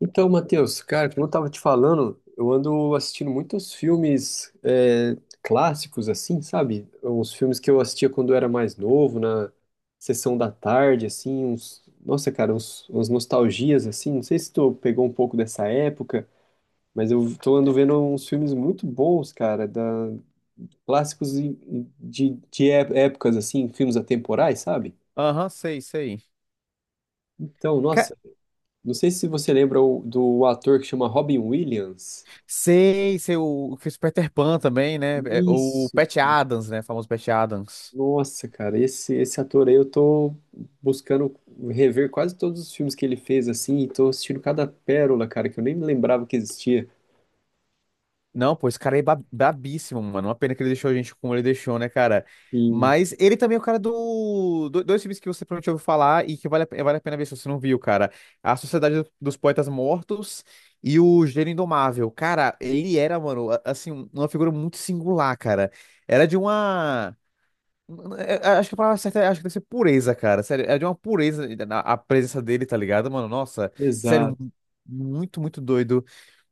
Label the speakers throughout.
Speaker 1: Então, Matheus, cara, como eu tava te falando, eu ando assistindo muitos filmes clássicos, assim, sabe? Uns filmes que eu assistia quando eu era mais novo, na sessão da tarde, assim, Nossa, cara, umas nostalgias, assim, não sei se tu pegou um pouco dessa época, mas eu tô ando vendo uns filmes muito bons, cara, da... clássicos e de épocas, assim, filmes atemporais, sabe?
Speaker 2: Aham, sei, sei.
Speaker 1: Então,
Speaker 2: Ca-
Speaker 1: nossa, não sei se você lembra do ator que chama Robin Williams.
Speaker 2: Sei, sei, o que fez Peter Pan também, né? É, o
Speaker 1: Isso.
Speaker 2: Pat Adams, né? O famoso Pat Adams.
Speaker 1: Nossa, cara, esse ator aí eu tô buscando rever quase todos os filmes que ele fez, assim, e tô assistindo cada pérola, cara, que eu nem me lembrava que existia.
Speaker 2: Não, pô, esse cara é brabíssimo, mano. Uma pena que ele deixou a gente como ele deixou, né, cara?
Speaker 1: Sim,
Speaker 2: Mas ele também é o cara. Dois filmes que você provavelmente ouviu falar e que vale a pena ver se você não viu, cara. A Sociedade dos Poetas Mortos e o Gênio Indomável. Cara, ele era, mano, assim, uma figura muito singular, cara. Era de uma... É, é, acho que a palavra certa é, acho que deve ser pureza, cara. Sério, é de uma pureza a presença dele, tá ligado, mano? Nossa, sério,
Speaker 1: exato.
Speaker 2: muito, muito doido.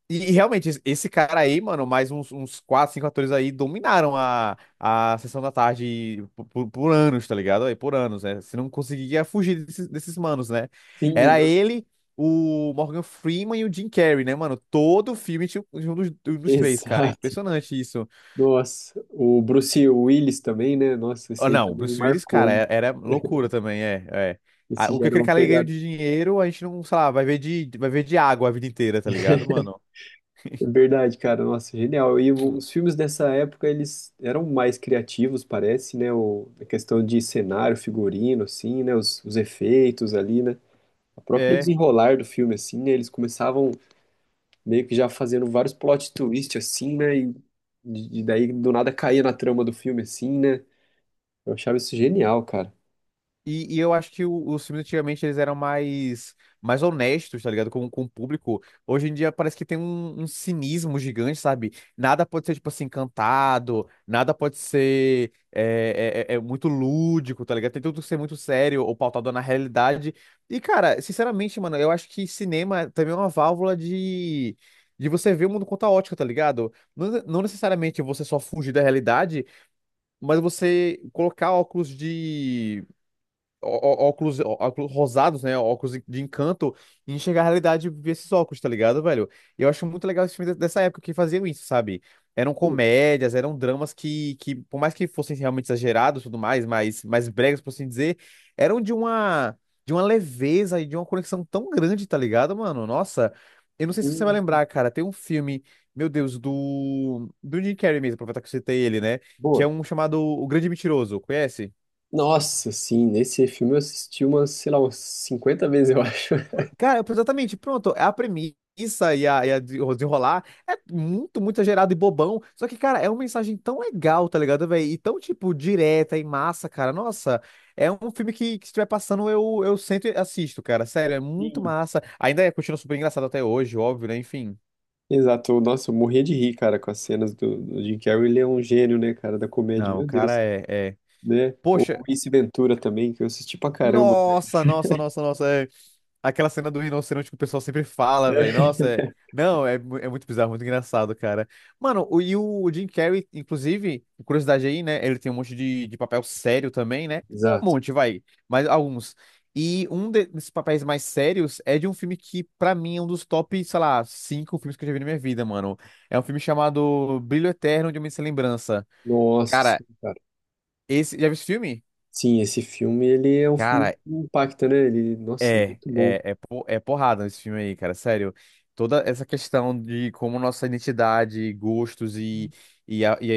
Speaker 2: E realmente, esse cara aí, mano, mais uns 4, 5 atores aí dominaram a sessão da tarde por anos, tá ligado? Aí, por anos, né? Você não conseguia fugir desses manos, né?
Speaker 1: Sim,
Speaker 2: Era
Speaker 1: nossa,
Speaker 2: ele, o Morgan Freeman e o Jim Carrey, né, mano? Todo filme tinha um dos três, cara.
Speaker 1: exato.
Speaker 2: Impressionante isso.
Speaker 1: Nossa, o Bruce Willis também, né? Nossa,
Speaker 2: Ah,
Speaker 1: esse aí
Speaker 2: não, o
Speaker 1: também
Speaker 2: Bruce Willis,
Speaker 1: marcou,
Speaker 2: cara,
Speaker 1: hein?
Speaker 2: era loucura também, é, é. Ah,
Speaker 1: Esse
Speaker 2: o
Speaker 1: já
Speaker 2: que
Speaker 1: era
Speaker 2: aquele
Speaker 1: uma
Speaker 2: cara ganhou
Speaker 1: pegada.
Speaker 2: de dinheiro, a gente não, sei lá, vai ver de água a vida inteira, tá ligado, mano?
Speaker 1: É verdade, cara, nossa, genial. E os filmes dessa época, eles eram mais criativos, parece, né? A questão de cenário, figurino, assim, né? Os efeitos ali, né? O próprio
Speaker 2: É.
Speaker 1: desenrolar do filme, assim, né, eles começavam meio que já fazendo vários plot twists, assim, né? E daí do nada caía na trama do filme, assim, né? Eu achava isso genial, cara.
Speaker 2: E eu acho que os filmes antigamente eles eram mais, mais honestos, tá ligado? Com o público. Hoje em dia parece que tem um cinismo gigante, sabe? Nada pode ser, tipo assim, cantado, nada pode ser muito lúdico, tá ligado? Tem tudo que ser muito sério ou pautado na realidade. E, cara, sinceramente, mano, eu acho que cinema também é uma válvula de. De você ver o mundo com outra ótica tá ligado? Não, não necessariamente você só fugir da realidade, mas você colocar óculos de ó- ó- óculos rosados, né? Óculos de encanto e enxergar a realidade e ver esses óculos, tá ligado, velho? E eu acho muito legal esse filme dessa época que faziam isso, sabe? Eram
Speaker 1: Hum,
Speaker 2: comédias, eram dramas que por mais que fossem realmente exagerados e tudo mais, bregas, por assim dizer, eram de uma leveza e de uma conexão tão grande, tá ligado, mano? Nossa, eu não sei se você vai
Speaker 1: hum,
Speaker 2: lembrar, cara, tem um filme, meu Deus, do Jim Carrey mesmo, aproveitar que eu citei ele, né? Que
Speaker 1: boa.
Speaker 2: é um chamado O Grande Mentiroso, conhece?
Speaker 1: Nossa, sim, nesse filme eu assisti umas, sei lá, umas 50 vezes, eu acho.
Speaker 2: Cara, exatamente, pronto. É a premissa o desenrolar é muito, muito exagerado e bobão. Só que, cara, é uma mensagem tão legal, tá ligado, velho? E tão, tipo, direta e massa, cara. Nossa, é um filme que se estiver passando, eu sento e assisto, cara. Sério, é muito
Speaker 1: Sim.
Speaker 2: massa. Ainda é, continua super engraçado até hoje, óbvio, né? Enfim.
Speaker 1: Exato, nossa, eu morria de rir, cara, com as cenas do, do Jim Carrey. Ele é um gênio, né, cara, da comédia,
Speaker 2: Não, o
Speaker 1: meu
Speaker 2: cara
Speaker 1: Deus,
Speaker 2: é...
Speaker 1: né? O
Speaker 2: Poxa,
Speaker 1: Ace Ventura também, que eu assisti pra caramba, né?
Speaker 2: nossa, nossa, nossa, nossa. Aquela cena do rinoceronte que o pessoal sempre fala, velho. Nossa, é... Não, é muito bizarro, muito engraçado, cara. Mano, e o Jim Carrey, inclusive, curiosidade aí, né? Ele tem um monte de papel sério também, né? Um
Speaker 1: Exato.
Speaker 2: monte, vai, mas alguns. E um desses papéis mais sérios é de um filme que, pra mim, é um dos top, sei lá, cinco filmes que eu já vi na minha vida, mano. É um filme chamado Brilho Eterno de uma Sem Lembrança.
Speaker 1: Nossa,
Speaker 2: Cara,
Speaker 1: sim, cara.
Speaker 2: esse. Já viu esse filme?
Speaker 1: Sim, esse filme, ele é um filme
Speaker 2: Cara,
Speaker 1: que impacta, né? Ele, nossa, muito bom.
Speaker 2: É porrada esse filme aí, cara, sério. Toda essa questão de como nossa identidade, gostos e, a- e,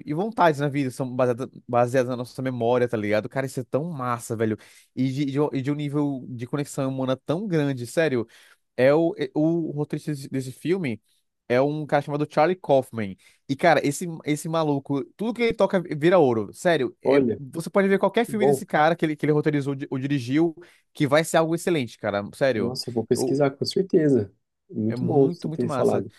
Speaker 2: e vontades na vida são baseadas na nossa memória, tá ligado? Cara, isso é tão massa, velho. E de um nível de conexão humana tão grande, sério. O roteirista desse filme é um cara chamado Charlie Kaufman. E, cara, esse maluco, tudo que ele toca vira ouro. Sério,
Speaker 1: Olha,
Speaker 2: você pode ver qualquer
Speaker 1: muito
Speaker 2: filme
Speaker 1: bom.
Speaker 2: desse cara que ele roteirizou ou dirigiu, que vai ser algo excelente, cara. Sério.
Speaker 1: Nossa, eu vou
Speaker 2: O-
Speaker 1: pesquisar com certeza.
Speaker 2: É
Speaker 1: Muito bom você
Speaker 2: muito, muito
Speaker 1: ter
Speaker 2: massa.
Speaker 1: falado.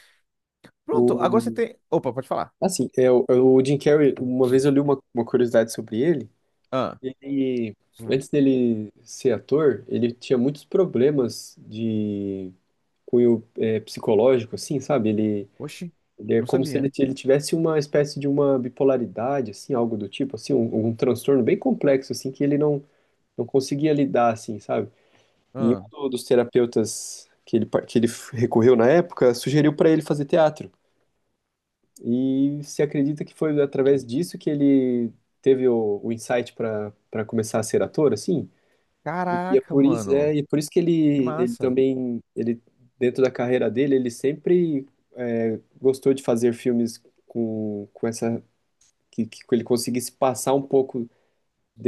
Speaker 2: Pronto, agora você
Speaker 1: O,
Speaker 2: tem. Opa, pode falar.
Speaker 1: assim, é, o, é o Jim Carrey, uma vez
Speaker 2: Hum,
Speaker 1: eu li uma curiosidade sobre ele.
Speaker 2: Ah,
Speaker 1: Ele,
Speaker 2: hum,
Speaker 1: antes dele ser ator, ele tinha muitos problemas de cunho psicológico, assim, sabe? Ele,
Speaker 2: oxi,
Speaker 1: ele é
Speaker 2: não
Speaker 1: como se ele,
Speaker 2: sabia.
Speaker 1: ele tivesse uma espécie de uma bipolaridade, assim, algo do tipo, assim, um transtorno bem complexo, assim, que ele não conseguia lidar, assim, sabe? E
Speaker 2: Ah,
Speaker 1: um dos terapeutas que ele, que ele recorreu na época sugeriu para ele fazer teatro. E se acredita que foi através
Speaker 2: hum,
Speaker 1: disso que ele teve o insight para começar a ser ator, assim. E é
Speaker 2: caraca,
Speaker 1: por isso, é,
Speaker 2: mano.
Speaker 1: e é por isso que
Speaker 2: Que
Speaker 1: ele
Speaker 2: massa.
Speaker 1: também, ele, dentro da carreira dele, ele sempre é, gostou de fazer filmes com essa, que ele conseguisse passar um pouco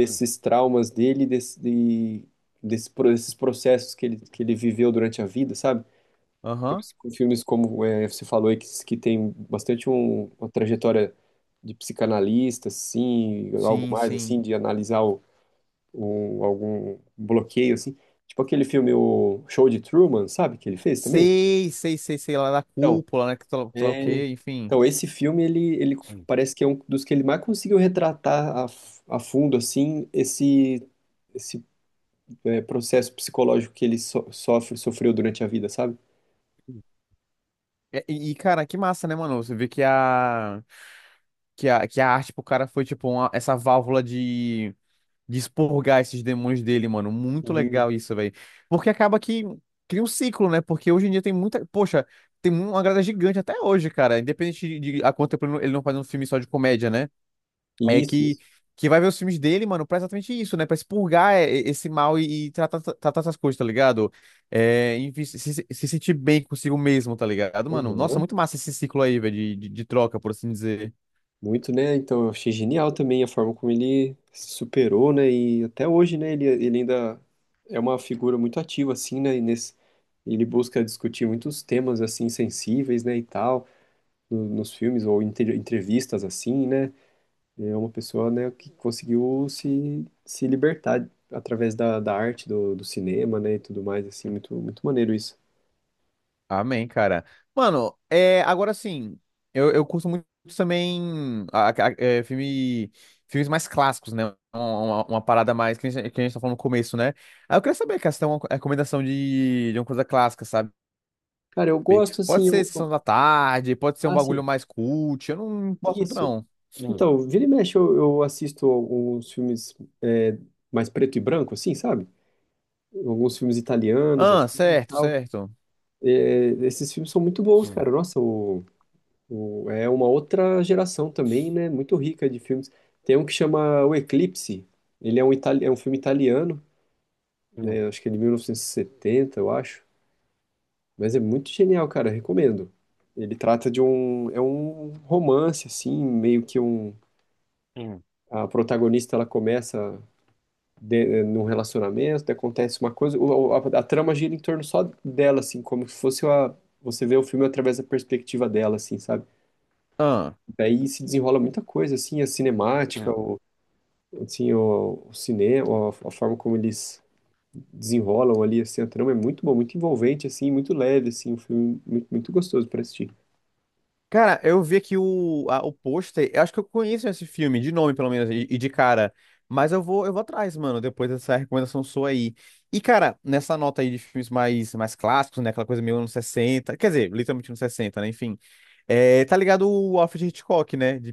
Speaker 2: Hum.
Speaker 1: traumas dele, desse, desse, desses processos que ele viveu durante a vida, sabe?
Speaker 2: Aham.
Speaker 1: Filmes, filmes como é, você falou aí, que tem bastante uma trajetória de psicanalista, assim, algo
Speaker 2: Sim,
Speaker 1: mais, assim,
Speaker 2: sim.
Speaker 1: de analisar o, algum bloqueio, assim. Tipo aquele filme, o Show de Truman, sabe? Que ele fez também.
Speaker 2: Sei, sei, sei, sei lá da
Speaker 1: Então,
Speaker 2: cúpula, né? Que sei lá o
Speaker 1: é,
Speaker 2: quê, enfim.
Speaker 1: então esse filme, ele parece que é um dos que ele mais conseguiu retratar a, a fundo, assim, esse esse é, processo psicológico que ele sofre, sofreu durante a vida, sabe?
Speaker 2: É, e, cara, que massa, né, mano? Você vê que a arte pro cara foi, tipo, essa válvula de, expurgar esses demônios dele, mano. Muito
Speaker 1: E,
Speaker 2: legal isso, velho. Porque acaba que cria um ciclo, né? Porque hoje em dia tem muita. Poxa, tem uma grada gigante até hoje, cara. Independente de a quanto tempo ele não faz um filme só de comédia, né? É
Speaker 1: isso,
Speaker 2: que,
Speaker 1: isso.
Speaker 2: que vai ver os filmes dele, mano, pra exatamente isso, né? Pra expurgar esse mal e tratar essas coisas, tá ligado? É, enfim, se sentir bem consigo mesmo, tá ligado, mano? Nossa,
Speaker 1: Aham.
Speaker 2: muito massa esse ciclo aí, velho, de troca, por assim dizer.
Speaker 1: Muito, né? Então, eu achei genial também a forma como ele se superou, né? E até hoje, né? Ele ainda é uma figura muito ativa, assim, né? E nesse, ele busca discutir muitos temas, assim, sensíveis, né? E tal, nos filmes ou em entrevistas, assim, né? É uma pessoa, né? Que conseguiu se, se libertar através da, da arte, do, do cinema, né? E tudo mais, assim. Muito, muito maneiro isso.
Speaker 2: Amém, cara. Mano, agora sim, eu curto muito também filmes mais clássicos, né? Uma parada mais que a gente tá falando no começo, né? Aí eu queria saber, cara, se tem uma recomendação de uma coisa clássica, sabe?
Speaker 1: Cara, eu gosto
Speaker 2: Pode
Speaker 1: assim,
Speaker 2: ser Sessão da Tarde, pode ser um
Speaker 1: ah, sim,
Speaker 2: bagulho mais cult, eu não gosto muito
Speaker 1: isso.
Speaker 2: não. Hum,
Speaker 1: Então, vira e mexe, eu assisto alguns filmes é, mais preto e branco, assim, sabe? Alguns filmes italianos,
Speaker 2: ah,
Speaker 1: assim, e
Speaker 2: certo,
Speaker 1: tal.
Speaker 2: certo.
Speaker 1: É, esses filmes são muito bons,
Speaker 2: Hum,
Speaker 1: cara. Nossa, o, é uma outra geração também, né? Muito rica de filmes. Tem um que chama O Eclipse. Ele é um, itali é um filme italiano,
Speaker 2: hum,
Speaker 1: né? Acho que é de 1970, eu acho. Mas é muito genial, cara. Recomendo. Ele trata de um, é um romance, assim, meio que um,
Speaker 2: hum,
Speaker 1: a protagonista ela começa de, eh, num relacionamento, acontece uma coisa, a trama gira em torno só dela, assim, como se fosse uma, você vê o filme através da perspectiva dela, assim, sabe?
Speaker 2: ah.
Speaker 1: Daí se desenrola muita coisa, assim, a cinemática, o, assim, o cinema, a forma como eles desenrolam ali, assim, a trama é muito bom, muito envolvente, assim, muito leve, assim, um filme muito, muito gostoso para assistir.
Speaker 2: Cara, eu vi aqui o pôster. Eu acho que eu conheço esse filme, de nome pelo menos, e de cara. Mas eu vou atrás, mano, depois dessa recomendação sua aí. E, cara, nessa nota aí de filmes mais, mais clássicos, né? Aquela coisa meio anos 60, quer dizer, literalmente anos 60, né? Enfim. É, tá ligado o Alfred Hitchcock, né? De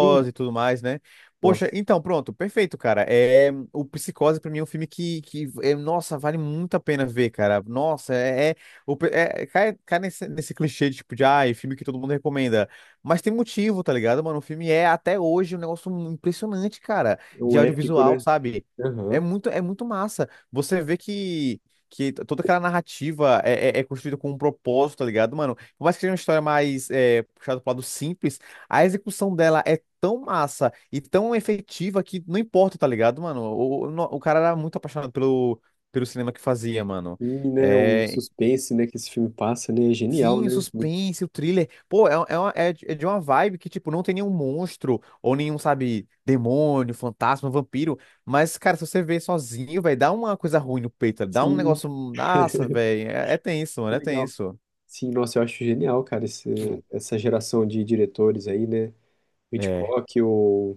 Speaker 1: Sim.
Speaker 2: e tudo mais, né? Poxa,
Speaker 1: Nossa,
Speaker 2: então, pronto, perfeito, cara. É, o Psicose, pra mim, é um filme que é, nossa, vale muito a pena ver, cara. Nossa, é, é o, pe- é, é, cai, cai nesse clichê de, tipo, de, ai, filme que todo mundo recomenda. Mas tem motivo, tá ligado, mano? O filme é, até hoje, um negócio impressionante, cara,
Speaker 1: é um
Speaker 2: de
Speaker 1: épico,
Speaker 2: audiovisual,
Speaker 1: né?
Speaker 2: sabe?
Speaker 1: Aham.
Speaker 2: É muito massa. Você vê que, toda aquela narrativa é construída com um propósito, tá ligado, mano? Por mais que seja uma história mais puxada pro lado simples, a execução dela é tão massa e tão efetiva que não importa, tá ligado, mano? O cara era muito apaixonado pelo cinema que fazia, mano.
Speaker 1: E, né, o
Speaker 2: É,
Speaker 1: suspense, né, que esse filme passa, né, é genial,
Speaker 2: sim, o
Speaker 1: né?
Speaker 2: suspense, o thriller. Pô, é de uma vibe que, tipo, não tem nenhum monstro, ou nenhum, sabe, demônio, fantasma, vampiro. Mas, cara, se você vê sozinho, vai dar uma coisa ruim no peito, tá? Dá um
Speaker 1: Sim,
Speaker 2: negócio. Nossa, velho. É, é tenso, mano,
Speaker 1: que
Speaker 2: é
Speaker 1: legal.
Speaker 2: tenso.
Speaker 1: Sim, nossa, eu acho genial, cara, esse,
Speaker 2: Hum.
Speaker 1: essa geração de diretores aí, né? O
Speaker 2: É.
Speaker 1: Hitchcock,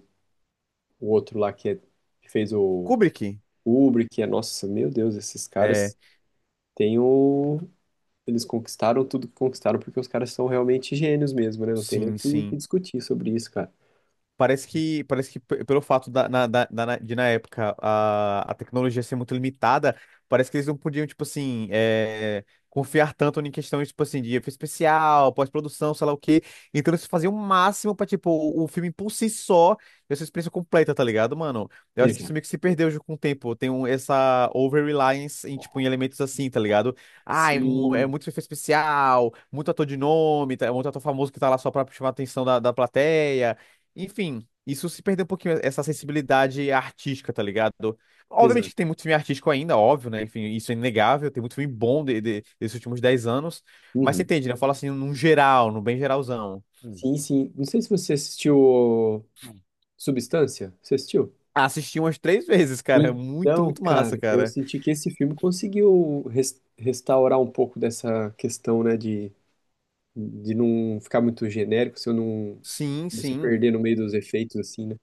Speaker 1: o outro lá que, é- que fez o
Speaker 2: Kubrick.
Speaker 1: Kubrick, é, nossa, meu Deus, esses
Speaker 2: É.
Speaker 1: caras têm o, eles conquistaram tudo que conquistaram porque os caras são realmente gênios mesmo, né? Não tem nem o
Speaker 2: Sim,
Speaker 1: que, que
Speaker 2: sim.
Speaker 1: discutir sobre isso, cara.
Speaker 2: Pelo fato da, na, da- da- na- de na época a tecnologia ser muito limitada, parece que eles não podiam, tipo assim, confiar tanto em questões, tipo assim, de efeito especial, pós-produção, sei lá o quê. Então eles faziam o máximo pra, tipo, o filme por si só, essa experiência completa, tá ligado, mano? Eu acho que isso
Speaker 1: Exato.
Speaker 2: meio que se perdeu já com o tempo. Tem essa over-reliance em, tipo, em elementos assim, tá ligado? Ah, é
Speaker 1: Sim,
Speaker 2: muito efeito especial, muito ator de nome, muito ator famoso que tá lá só pra chamar a atenção da plateia. Enfim, isso se perdeu um pouquinho, essa sensibilidade artística, tá ligado? Obviamente que
Speaker 1: exato.
Speaker 2: tem muito filme artístico ainda, óbvio, né? Enfim, isso é inegável, tem muito filme bom desses últimos 10 anos, mas você
Speaker 1: Uhum.
Speaker 2: entende, né? Eu falo assim, num geral, no bem geralzão. Hum.
Speaker 1: Sim, sim. Não sei se você assistiu o Substância. Você assistiu?
Speaker 2: Assisti umas três vezes, cara, é muito,
Speaker 1: Então,
Speaker 2: muito
Speaker 1: cara,
Speaker 2: massa,
Speaker 1: eu
Speaker 2: cara.
Speaker 1: senti que esse filme conseguiu restaurar um pouco dessa questão, né, de não ficar muito genérico, se eu não,
Speaker 2: Sim,
Speaker 1: não se
Speaker 2: sim.
Speaker 1: perder no meio dos efeitos, assim, né?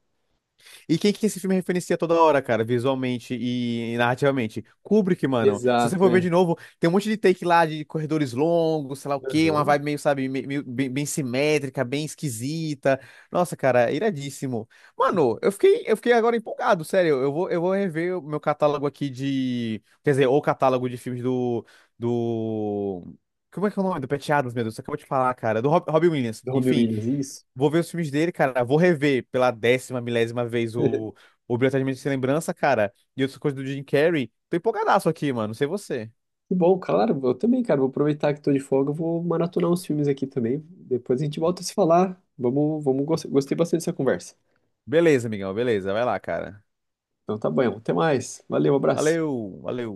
Speaker 2: E quem que esse filme referencia toda hora, cara, visualmente e narrativamente? Kubrick, mano. Se você
Speaker 1: Exato,
Speaker 2: for ver
Speaker 1: é.
Speaker 2: de novo, tem um monte de take lá de corredores longos, sei lá o quê, uma
Speaker 1: Aham.
Speaker 2: vibe meio, sabe, meio, bem, bem simétrica, bem esquisita. Nossa, cara, iradíssimo. Mano,
Speaker 1: Sim.
Speaker 2: eu fiquei agora empolgado, sério. Eu vou rever o meu catálogo aqui de. Quer dizer, o catálogo de filmes do. Do. Como é que é o nome? Do Pat Adams, meu Deus, você acabou de falar, cara. Do Robin Williams.
Speaker 1: Do Robin
Speaker 2: Enfim.
Speaker 1: Williams, isso.
Speaker 2: Vou ver os filmes dele, cara. Vou rever pela décima, milésima vez o o Brilhantemente Sem Lembrança, cara. E outras coisas do Jim Carrey. Tô empolgadaço aqui, mano. Não sei você.
Speaker 1: Que bom, claro, eu também, cara, vou aproveitar que tô de folga, eu vou maratonar uns filmes aqui também, depois a gente volta a se falar, vamos, vamos, gostei bastante dessa conversa.
Speaker 2: Beleza, amigão. Beleza. Vai lá, cara.
Speaker 1: Então tá bom, até mais, valeu, abraço.
Speaker 2: Valeu, valeu.